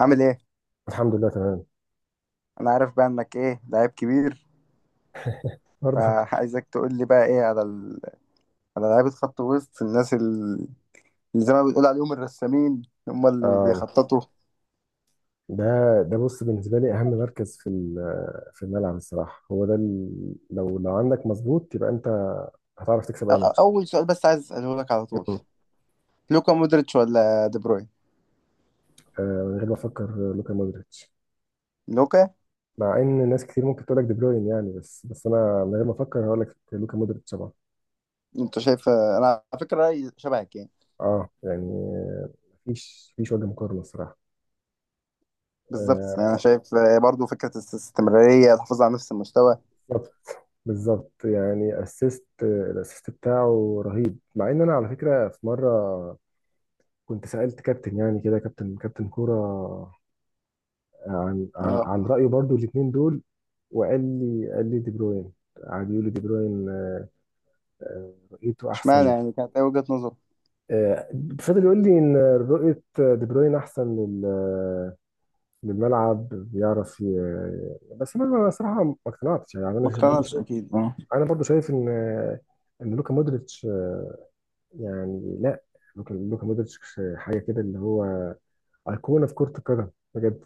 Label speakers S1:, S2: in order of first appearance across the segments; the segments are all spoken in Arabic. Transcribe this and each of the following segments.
S1: عامل ايه؟
S2: الحمد لله، تمام.
S1: انا عارف بقى انك ايه لعيب كبير،
S2: برضه.
S1: فعايزك تقول لي بقى ايه على على لعيبه خط وسط الناس اللي زي ما بتقول عليهم الرسامين، هم اللي
S2: آه،
S1: بيخططوا.
S2: ده بص، بالنسبه لي اهم مركز في الملعب الصراحه، هو ده لو عندك مظبوط يبقى انت هتعرف تكسب اي ماتش.
S1: اول سؤال بس عايز اساله لك على طول:
S2: مم.
S1: لوكا مودريتش ولا دي بروين؟
S2: من غير ما افكر، لوكا مودريتش.
S1: لوكا.
S2: مع ان ناس كتير ممكن تقول لك دي بروين يعني، بس انا من غير ما افكر هقول لك لوكا مودريتش طبعا.
S1: انت شايف، انا على فكره رايي شبهك يعني.
S2: اه يعني. آه. مفيش وجه مقارنه الصراحه.
S1: بالظبط، يعني انا
S2: آه.
S1: شايف برضو فكره الاستمراريه، الحفاظ على نفس المستوى.
S2: بالظبط. بالظبط يعني، الاسيست بتاعه رهيب، مع ان انا على فكره في مره كنت سألت كابتن، يعني كده، كابتن كورة. آه، عن آه،
S1: اه،
S2: عن رأيه برضو الاتنين دول، وقال لي قال لي دي بروين، قعد يقول لي دي بروين، رؤيته
S1: اشمعنى
S2: احسن.
S1: يعني؟ كانت ايه وجهه نظر؟
S2: آه، فضل يقول لي ان رؤية دي بروين احسن للملعب، بيعرف بس انا صراحة ما اقتنعتش، يعني
S1: ما
S2: انا برضو
S1: اقتنعتش
S2: شايف،
S1: اكيد، اه.
S2: ان ان لوكا مودريتش يعني لا، لوكا مودريتش حاجة كده، اللي هو أيقونة في كرة القدم بجد.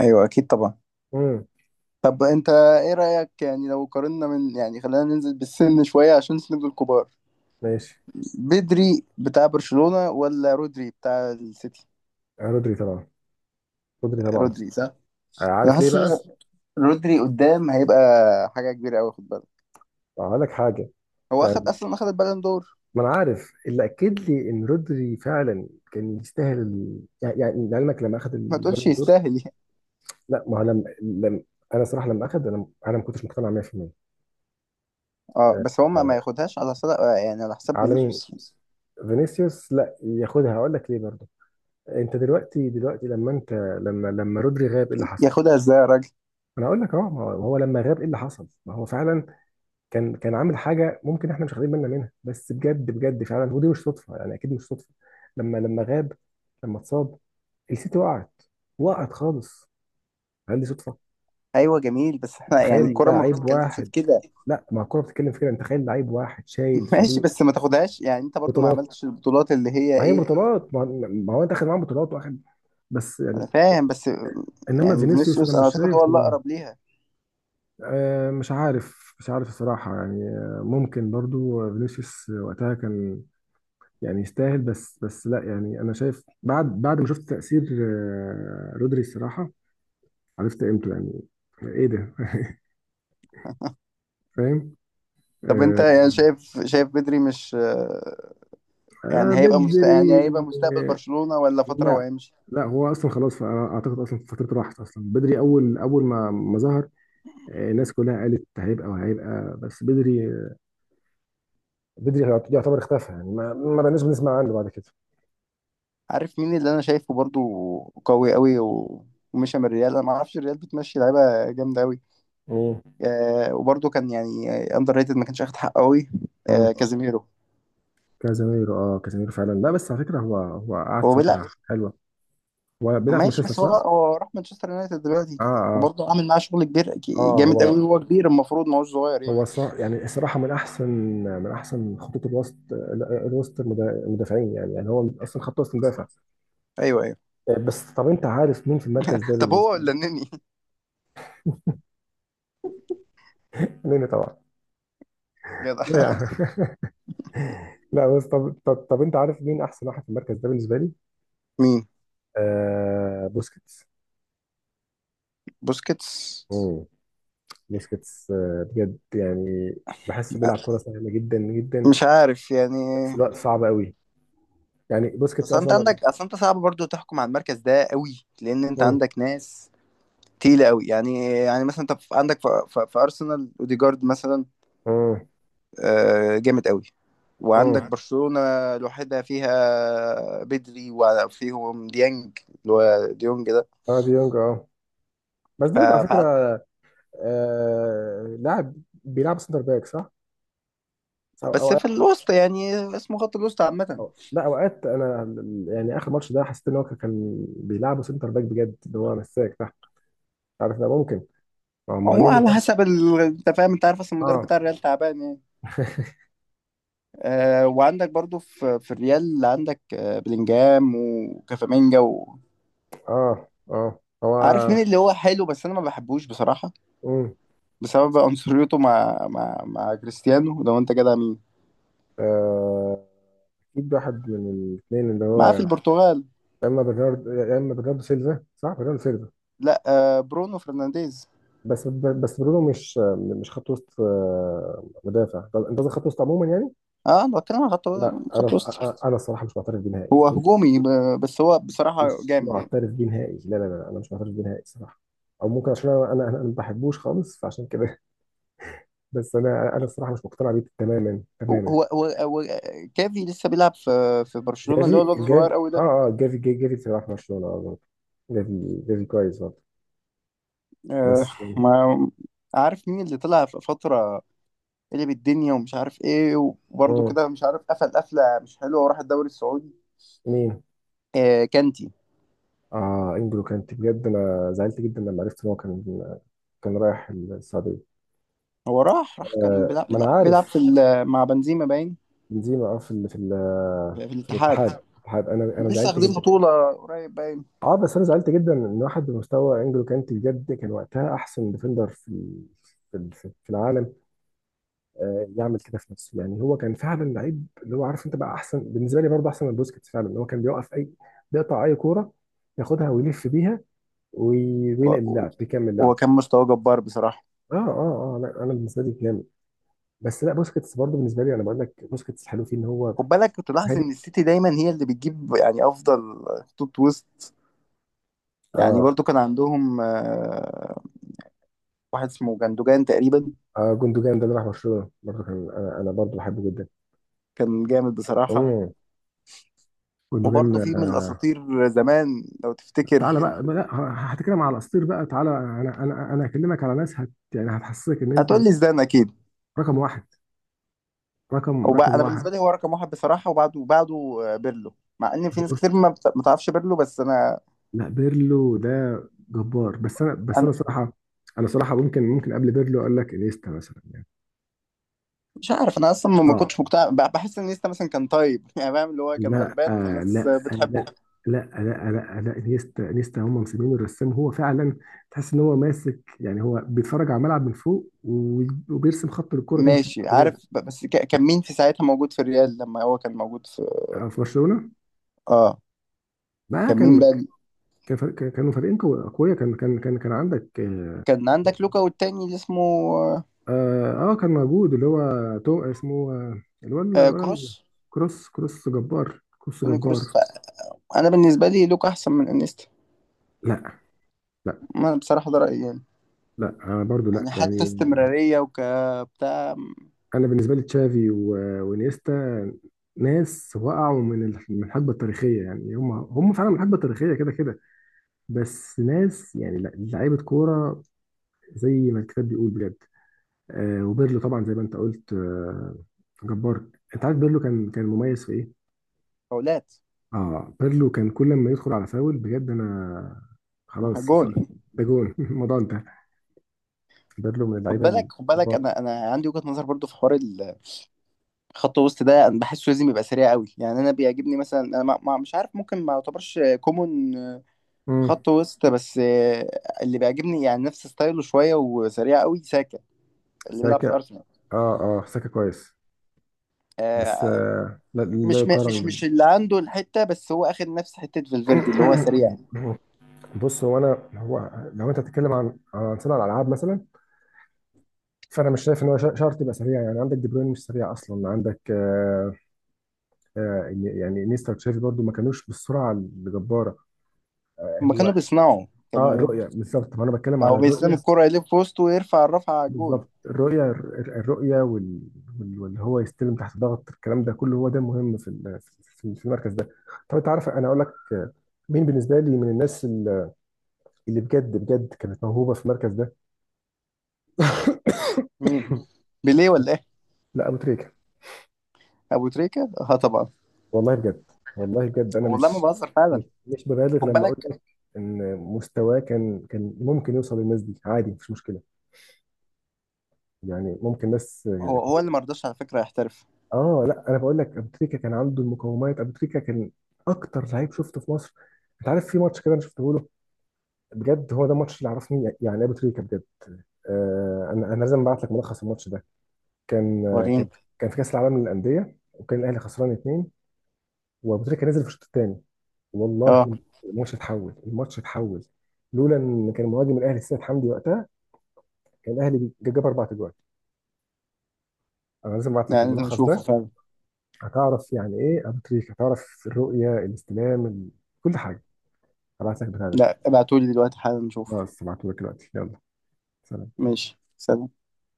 S1: ايوه اكيد طبعا.
S2: امم.
S1: طب انت ايه رأيك يعني لو قارنا من يعني؟ خلينا ننزل بالسن شوية عشان نسند الكبار.
S2: ماشي.
S1: بدري بتاع برشلونة ولا رودري بتاع السيتي؟
S2: رودري طبعا. رودري طبعا.
S1: رودري، صح. انا
S2: عارف ليه
S1: حاسس
S2: بقى؟
S1: ان رودري قدام هيبقى حاجة كبيرة قوي، خد بالك.
S2: هقول لك حاجه،
S1: هو اخد
S2: يعني
S1: اصلا اخد البالون دور.
S2: ما انا عارف اللي اكد لي ان رودري فعلا كان يستاهل ال... يعني يعني لعلمك، لما اخذ
S1: ما تقولش
S2: البالون دور.
S1: يستاهل يعني.
S2: لا ما هو، لما انا صراحه لما اخذ، انا ما كنتش مقتنع 100%.
S1: اه،
S2: آه،
S1: بس هو ما
S2: آه،
S1: ما ياخدهاش على صدق يعني، على حساب
S2: على مين؟
S1: فينيسيوس.
S2: فينيسيوس لا ياخدها، هقول لك ليه برضه. انت دلوقتي، لما انت، لما رودري غاب ايه اللي حصل؟
S1: ياخدها ازاي يا راجل؟
S2: انا هقول لك، اه ما هو، لما غاب ايه اللي حصل؟ ما هو فعلا كان عامل حاجه ممكن احنا مش واخدين بالنا منها، بس بجد بجد فعلا، ودي مش صدفه، يعني اكيد مش صدفه. لما غاب، لما اتصاب، السيتي وقعت، وقعت خالص. هل دي صدفه؟
S1: ايوه جميل، بس احنا
S2: تخيل،
S1: يعني الكرة
S2: الكورة
S1: ما
S2: لعيب ما بتتكلمش
S1: بتتكلمش
S2: واحد
S1: في
S2: في
S1: كده.
S2: كده، لا ما الكوره بتتكلم في كده، انت تخيل لعيب واحد شايل
S1: ماشي،
S2: فريق.
S1: بس ما تاخدهاش يعني، انت برضو ما
S2: بطولات.
S1: عملتش البطولات اللي هي
S2: ما هي
S1: ايه.
S2: بطولات، ما هو انت اخد معاهم بطولات واخد. بس يعني.
S1: انا فاهم، بس
S2: انما
S1: يعني
S2: فينيسيوس، انا
S1: فينيسيوس انا
S2: مش
S1: اعتقد
S2: فينيسيوس
S1: هو اللي
S2: عامل شايف.
S1: اقرب ليها.
S2: آه، مش عارف الصراحه يعني. ممكن برضو فينيسيوس وقتها كان يعني يستاهل، بس لا يعني، انا شايف بعد ما شفت تأثير رودري الصراحة، عرفت قيمته يعني. ايه ده. فاهم.
S1: طب انت
S2: آه.
S1: يعني شايف بدري مش... يعني هيبقى يعني
S2: بدري.
S1: هيبقى مستقبل
S2: آه،
S1: برشلونة ولا فترة
S2: لا.
S1: وهيمشي؟
S2: لا، هو اصلا خلاص، فأنا اعتقد اصلا فترته راحت، اصلا بدري اول ما ظهر، الناس كلها قالت هيبقى وهيبقى، بس بدري، بدري يعتبر اختفى، يعني ما بقناش بنسمع عنه بعد كده.
S1: عارف مين اللي انا شايفه برضو قوي قوي ومشى من الريال؟ انا ما اعرفش الريال بتمشي لعيبه جامده قوي.
S2: مم.
S1: آه، وبرضو كان يعني اندر ريتد، ما كانش اخد حقه قوي. آه،
S2: مم.
S1: كازيميرو.
S2: كازاميرو، اه كازاميرو فعلا، لا بس على فكره، هو قعد
S1: هو، لا.
S2: فتره حلوه. هو بيلعب في
S1: ماشي،
S2: مانشستر
S1: بس هو
S2: صح؟
S1: هو راح مانشستر يونايتد دلوقتي،
S2: اه اه.
S1: وبرضه عامل معاه شغل كبير،
S2: اه
S1: جامد
S2: هو،
S1: قوي، وهو كبير، المفروض ما هوش صغير يعني.
S2: هو الصراحة، من أحسن، خطوط الوسط، الوسط المدافعين، يعني هو أصلا خط وسط مدافع.
S1: ايوه، ايوه.
S2: بس طب، أنت عارف مين في المركز ده
S1: طب هو
S2: بالنسبة لي؟
S1: ولا النني؟
S2: نني طبعا.
S1: جدع
S2: لا يعني. لا بس طب، أنت عارف مين أحسن واحد في المركز ده بالنسبة لي؟
S1: مين؟
S2: بوسكيتس.
S1: بوسكيتس.
S2: مم. بوسكيتس، آه بجد يعني، بحسه
S1: آه،
S2: بيلعب كرة سهلة جدا جدا،
S1: مش عارف يعني.
S2: بس الوقت صعب قوي. يعني بوسكيتس
S1: اصل انت
S2: أصلا.
S1: عندك، اصل انت صعب برضو تحكم على المركز ده قوي، لان انت
S2: مم.
S1: عندك ناس تقيلة قوي، يعني مثلا انت عندك في ارسنال اوديجارد مثلا،
S2: مم.
S1: آه، جامد قوي. وعندك
S2: مم.
S1: برشلونة لوحدها، فيها بدري، وفيهم ديانج اللي هو ديونج ده.
S2: اه ديونج اه، بس
S1: ف...
S2: ديونج على فكرة،
S1: ف...
S2: آه لاعب بيلعب سنتر باك صح؟ صح، أو
S1: بس في
S2: اوقات.
S1: الوسط يعني، اسمه خط الوسط عامة.
S2: أو لا، اوقات انا اخر ماتش ده حسيت ان هو كان بيلعبه سنتر باك بجد، اللي هو مساك تحت. عارف ده ممكن. اه،
S1: هو
S2: مهنيني
S1: على
S2: برضه.
S1: حسب انت فاهم، انت عارف، اصل المدرب
S2: اه.
S1: بتاع الريال تعبان يعني. آه، وعندك برضو في الريال، اللي عندك بلينجهام وكافامينجا و...
S2: اه، اه هو.
S1: عارف مين اللي هو حلو بس انا ما بحبوش بصراحة،
S2: امم.
S1: بسبب عنصريته مع كريستيانو؟ لو انت جدع، مين
S2: آه، اكيد واحد من الاثنين، اللي هو
S1: معاه في
S2: يا
S1: البرتغال؟
S2: اما برنارد، يا اما برناردو سيلفا. صح، برناردو سيلفا.
S1: لا، آه، برونو فرنانديز.
S2: بس برونو مش خط وسط، مدافع. طب انت قصدك خط وسط عموما يعني.
S1: اه، انا بتكلم عن خط
S2: لا
S1: خط
S2: انا،
S1: وسط.
S2: انا أنا الصراحه مش معترف بيه نهائي،
S1: هو هجومي، بس هو بصراحة
S2: مش
S1: جامد يعني.
S2: معترف بيه نهائي. لا لا لا، انا مش معترف بيه نهائي الصراحه، او ممكن عشان انا ما بحبوش خالص، فعشان كده. بس انا الصراحه مش مقتنع بيه تماما
S1: هو
S2: تماما.
S1: هو هو هو كافي لسه بيلعب في برشلونة، اللي
S2: جافي.
S1: هو الواد الصغير
S2: جافي
S1: قوي
S2: اه.
S1: ده.
S2: اه جافي، جافي بصراحه في برشلونه، اه برضه. جافي، جافي كويس برضه.
S1: آه،
S2: بس.
S1: ما عارف مين اللي طلع في فترة قلب الدنيا ومش عارف ايه، وبرده
S2: اه.
S1: كده مش عارف، قفل قفله مش حلوه، وراح الدوري السعودي.
S2: مين.
S1: آه، كانتي.
S2: اه، انجلو كانت، بجد انا زعلت جدا لما عرفت ان هو كان، كان رايح السعوديه.
S1: هو راح كان
S2: آه، ما انا عارف.
S1: بيلعب مع بنزيما باين،
S2: بنزيما، اه، في ال- في ال- آه،
S1: في
S2: في
S1: الاتحاد.
S2: الاتحاد
S1: هم
S2: انا
S1: لسه
S2: زعلت
S1: واخدين
S2: جدا.
S1: بطوله قريب باين.
S2: اه، بس انا زعلت جدا ان واحد بمستوى انجلو كانتي، بجد كان وقتها احسن ديفندر في، في العالم، يعمل كده في نفسه يعني. هو كان فعلا لعيب اللي هو عارف انت، بقى احسن بالنسبه لي برضه، احسن من بوسكيتس فعلا، اللي هو كان بيوقف اي، بيقطع اي كوره، ياخدها ويلف بيها،
S1: و-
S2: وينقل
S1: و-
S2: اللعب، بيكمل اللعب.
S1: هو كان مستواه جبار بصراحه.
S2: اه اه اه، لا انا بالنسبه لي جامد، بس لا، بوسكيتس برضه بالنسبه لي، انا بقول لك بوسكيتس حلو فيه ان هو
S1: خد بالك، كنت لاحظ
S2: هادي.
S1: ان السيتي دايما هي اللي بتجيب يعني افضل خطوط وسط. يعني
S2: اه،
S1: برضو كان عندهم واحد اسمه جندوجان تقريبا،
S2: اه جوندوجان ده اللي راح برشلونه برضه، كان انا برضه بحبه جدا.
S1: كان جامد بصراحه.
S2: امم. جوندوجان.
S1: وبرضه في من الاساطير زمان لو تفتكر.
S2: تعالى بقى لا، هتكلم على الاساطير بقى، تعالى، انا هكلمك على ناس هت، يعني هتحسسك ان انت
S1: هتقول لي زدان اكيد؟
S2: رقم واحد، رقم
S1: وبقى انا بالنسبه
S2: واحد.
S1: لي هو رقم واحد بصراحه، وبعده بيرلو، مع ان في ناس كتير ما تعرفش بيرلو، بس انا
S2: لا، بيرلو ده جبار، بس
S1: انا
S2: انا صراحه، انا صراحه ممكن قبل بيرلو اقول لك انيستا مثلا يعني.
S1: مش عارف، انا اصلا ما
S2: اه
S1: كنتش مقتنع، بحس ان نيستا مثلا كان طيب. يعني فاهم، اللي هو كان
S2: لا،
S1: غلبان
S2: آه
S1: فالناس
S2: لا، آه، لا،
S1: بتحبه.
S2: لا لا لا لا، انيستا هم مسمينه الرسام، هو فعلا تحس ان هو ماسك، يعني هو بيتفرج على الملعب من فوق وبيرسم، خط الكرة تمشي
S1: ماشي،
S2: بجد.
S1: عارف، بس كان مين في ساعتها موجود في الريال لما هو كان موجود في...؟
S2: في برشلونة.
S1: اه،
S2: ما
S1: كان مين
S2: كان
S1: بقى؟
S2: كانوا فريقين اقوياء، كان كان كان كان عندك، اه،
S1: كان عندك لوكا والتاني اللي اسمه...
S2: كان موجود اللي هو تو اسمه، اللي هو
S1: آه،
S2: اللي هو
S1: كروس.
S2: كروس. كروس جبار، كروس
S1: توني كروس.
S2: جبار.
S1: فانا بالنسبه لي لوكا احسن من انيستا.
S2: لا لا
S1: انا بصراحه ده رايي يعني،
S2: لا، انا برضو لا
S1: يعني
S2: يعني،
S1: حتى استمراريه وكبتاع.
S2: انا بالنسبه لي تشافي وانيستا، ناس وقعوا من الحقبه التاريخيه يعني، هم فعلا من الحقبه التاريخيه كده كده. بس ناس يعني لا، لعيبه كوره زي ما الكتاب بيقول بجد. آه، وبيرلو طبعا زي ما انت قلت، آه، جبار. انت عارف بيرلو كان مميز في ايه؟
S1: فاولات.
S2: اه، بيرلو كان كل ما يدخل على فاول بجد انا خلاص،
S1: جون.
S2: ده جون. الموضوع انتهى، بيرلو من
S1: خد
S2: اللعيبه
S1: بالك،
S2: الكبار.
S1: انا عندي وجهة نظر برضو في حوار خط وسط ده. انا بحسه لازم يبقى سريع قوي، يعني انا بيعجبني مثلا، انا مش عارف، ممكن ما يعتبرش كومون
S2: امم.
S1: خط وسط، بس اللي بيعجبني يعني نفس ستايله شوية وسريع قوي، ساكا اللي بيلعب في
S2: ساكا.
S1: ارسنال.
S2: اه اه، ساكا كويس، بس
S1: آه،
S2: آه لا، لا
S1: مش
S2: يقارن
S1: مش مش اللي عنده الحتة بس، هو اخد نفس حتة، فالفيردي اللي هو سريع.
S2: بص، هو لو انت بتتكلم عن صناعه الالعاب مثلا، فانا مش شايف ان هو شرط يبقى سريع يعني، عندك دي بروين مش سريع اصلا. عندك آه، آه يعني نيستا وتشافي برضو ما كانوش بالسرعه الجباره.
S1: هما
S2: هو
S1: كانوا بيصنعوا،
S2: اه،
S1: كانوا...
S2: الرؤيه بالظبط، ما انا بتكلم على
S1: او بيستلم
S2: الرؤيه
S1: الكرة، يلف في وسطه، ويرفع الرفعة على الجول.
S2: بالظبط، الرؤية، الرؤية وال... واللي هو يستلم تحت ضغط، الكلام ده كله هو ده مهم في المركز ده. طب انت عارف انا اقول لك مين بالنسبة لي من الناس اللي بجد بجد كانت موهوبة في المركز ده؟
S1: مين؟ بيليه ولا ايه؟
S2: لا، ابو تريكة.
S1: ابو تريكة، اه طبعا.
S2: والله بجد. والله بجد انا
S1: والله ما
S2: مش،
S1: بهزر فعلا.
S2: مش ببالغ
S1: خد
S2: لما اقول
S1: بالك،
S2: لك ان مستواه كان ممكن يوصل للناس دي عادي، مفيش مشكلة، يعني ممكن ناس.
S1: هو اللي مرضاش على فكرة يحترف.
S2: اه لا، انا بقول لك ابو تريكه كان عنده المقومات، ابو تريكه كان اكتر لعيب شفته في مصر. انت عارف في ماتش كده انا شفته له، بجد هو ده الماتش اللي عرفني يعني ابو تريكه بجد. آه، انا لازم ابعت لك ملخص الماتش ده. كان،
S1: وريني.
S2: كان في كاس العالم للانديه، وكان الاهلي خسران اتنين، وابو تريكه نزل في الشوط الثاني.
S1: اه
S2: والله، الماتش اتحول، الماتش اتحول. لولا ان كان مهاجم الاهلي السيد حمدي وقتها، كان الاهلي جاب اربع اجوال. انا لازم ابعت لك
S1: لا، لازم
S2: الملخص ده،
S1: اشوفه فعلا.
S2: هتعرف يعني ايه ابو تريكه، هتعرف الرؤيه، الاستلام، كل حاجه. هبعت لك بتاع ده.
S1: لا، ابعتولي دلوقتي حالا نشوفه.
S2: خلاص، هبعته لك دلوقتي، يلا. سلام.
S1: ماشي، سلام.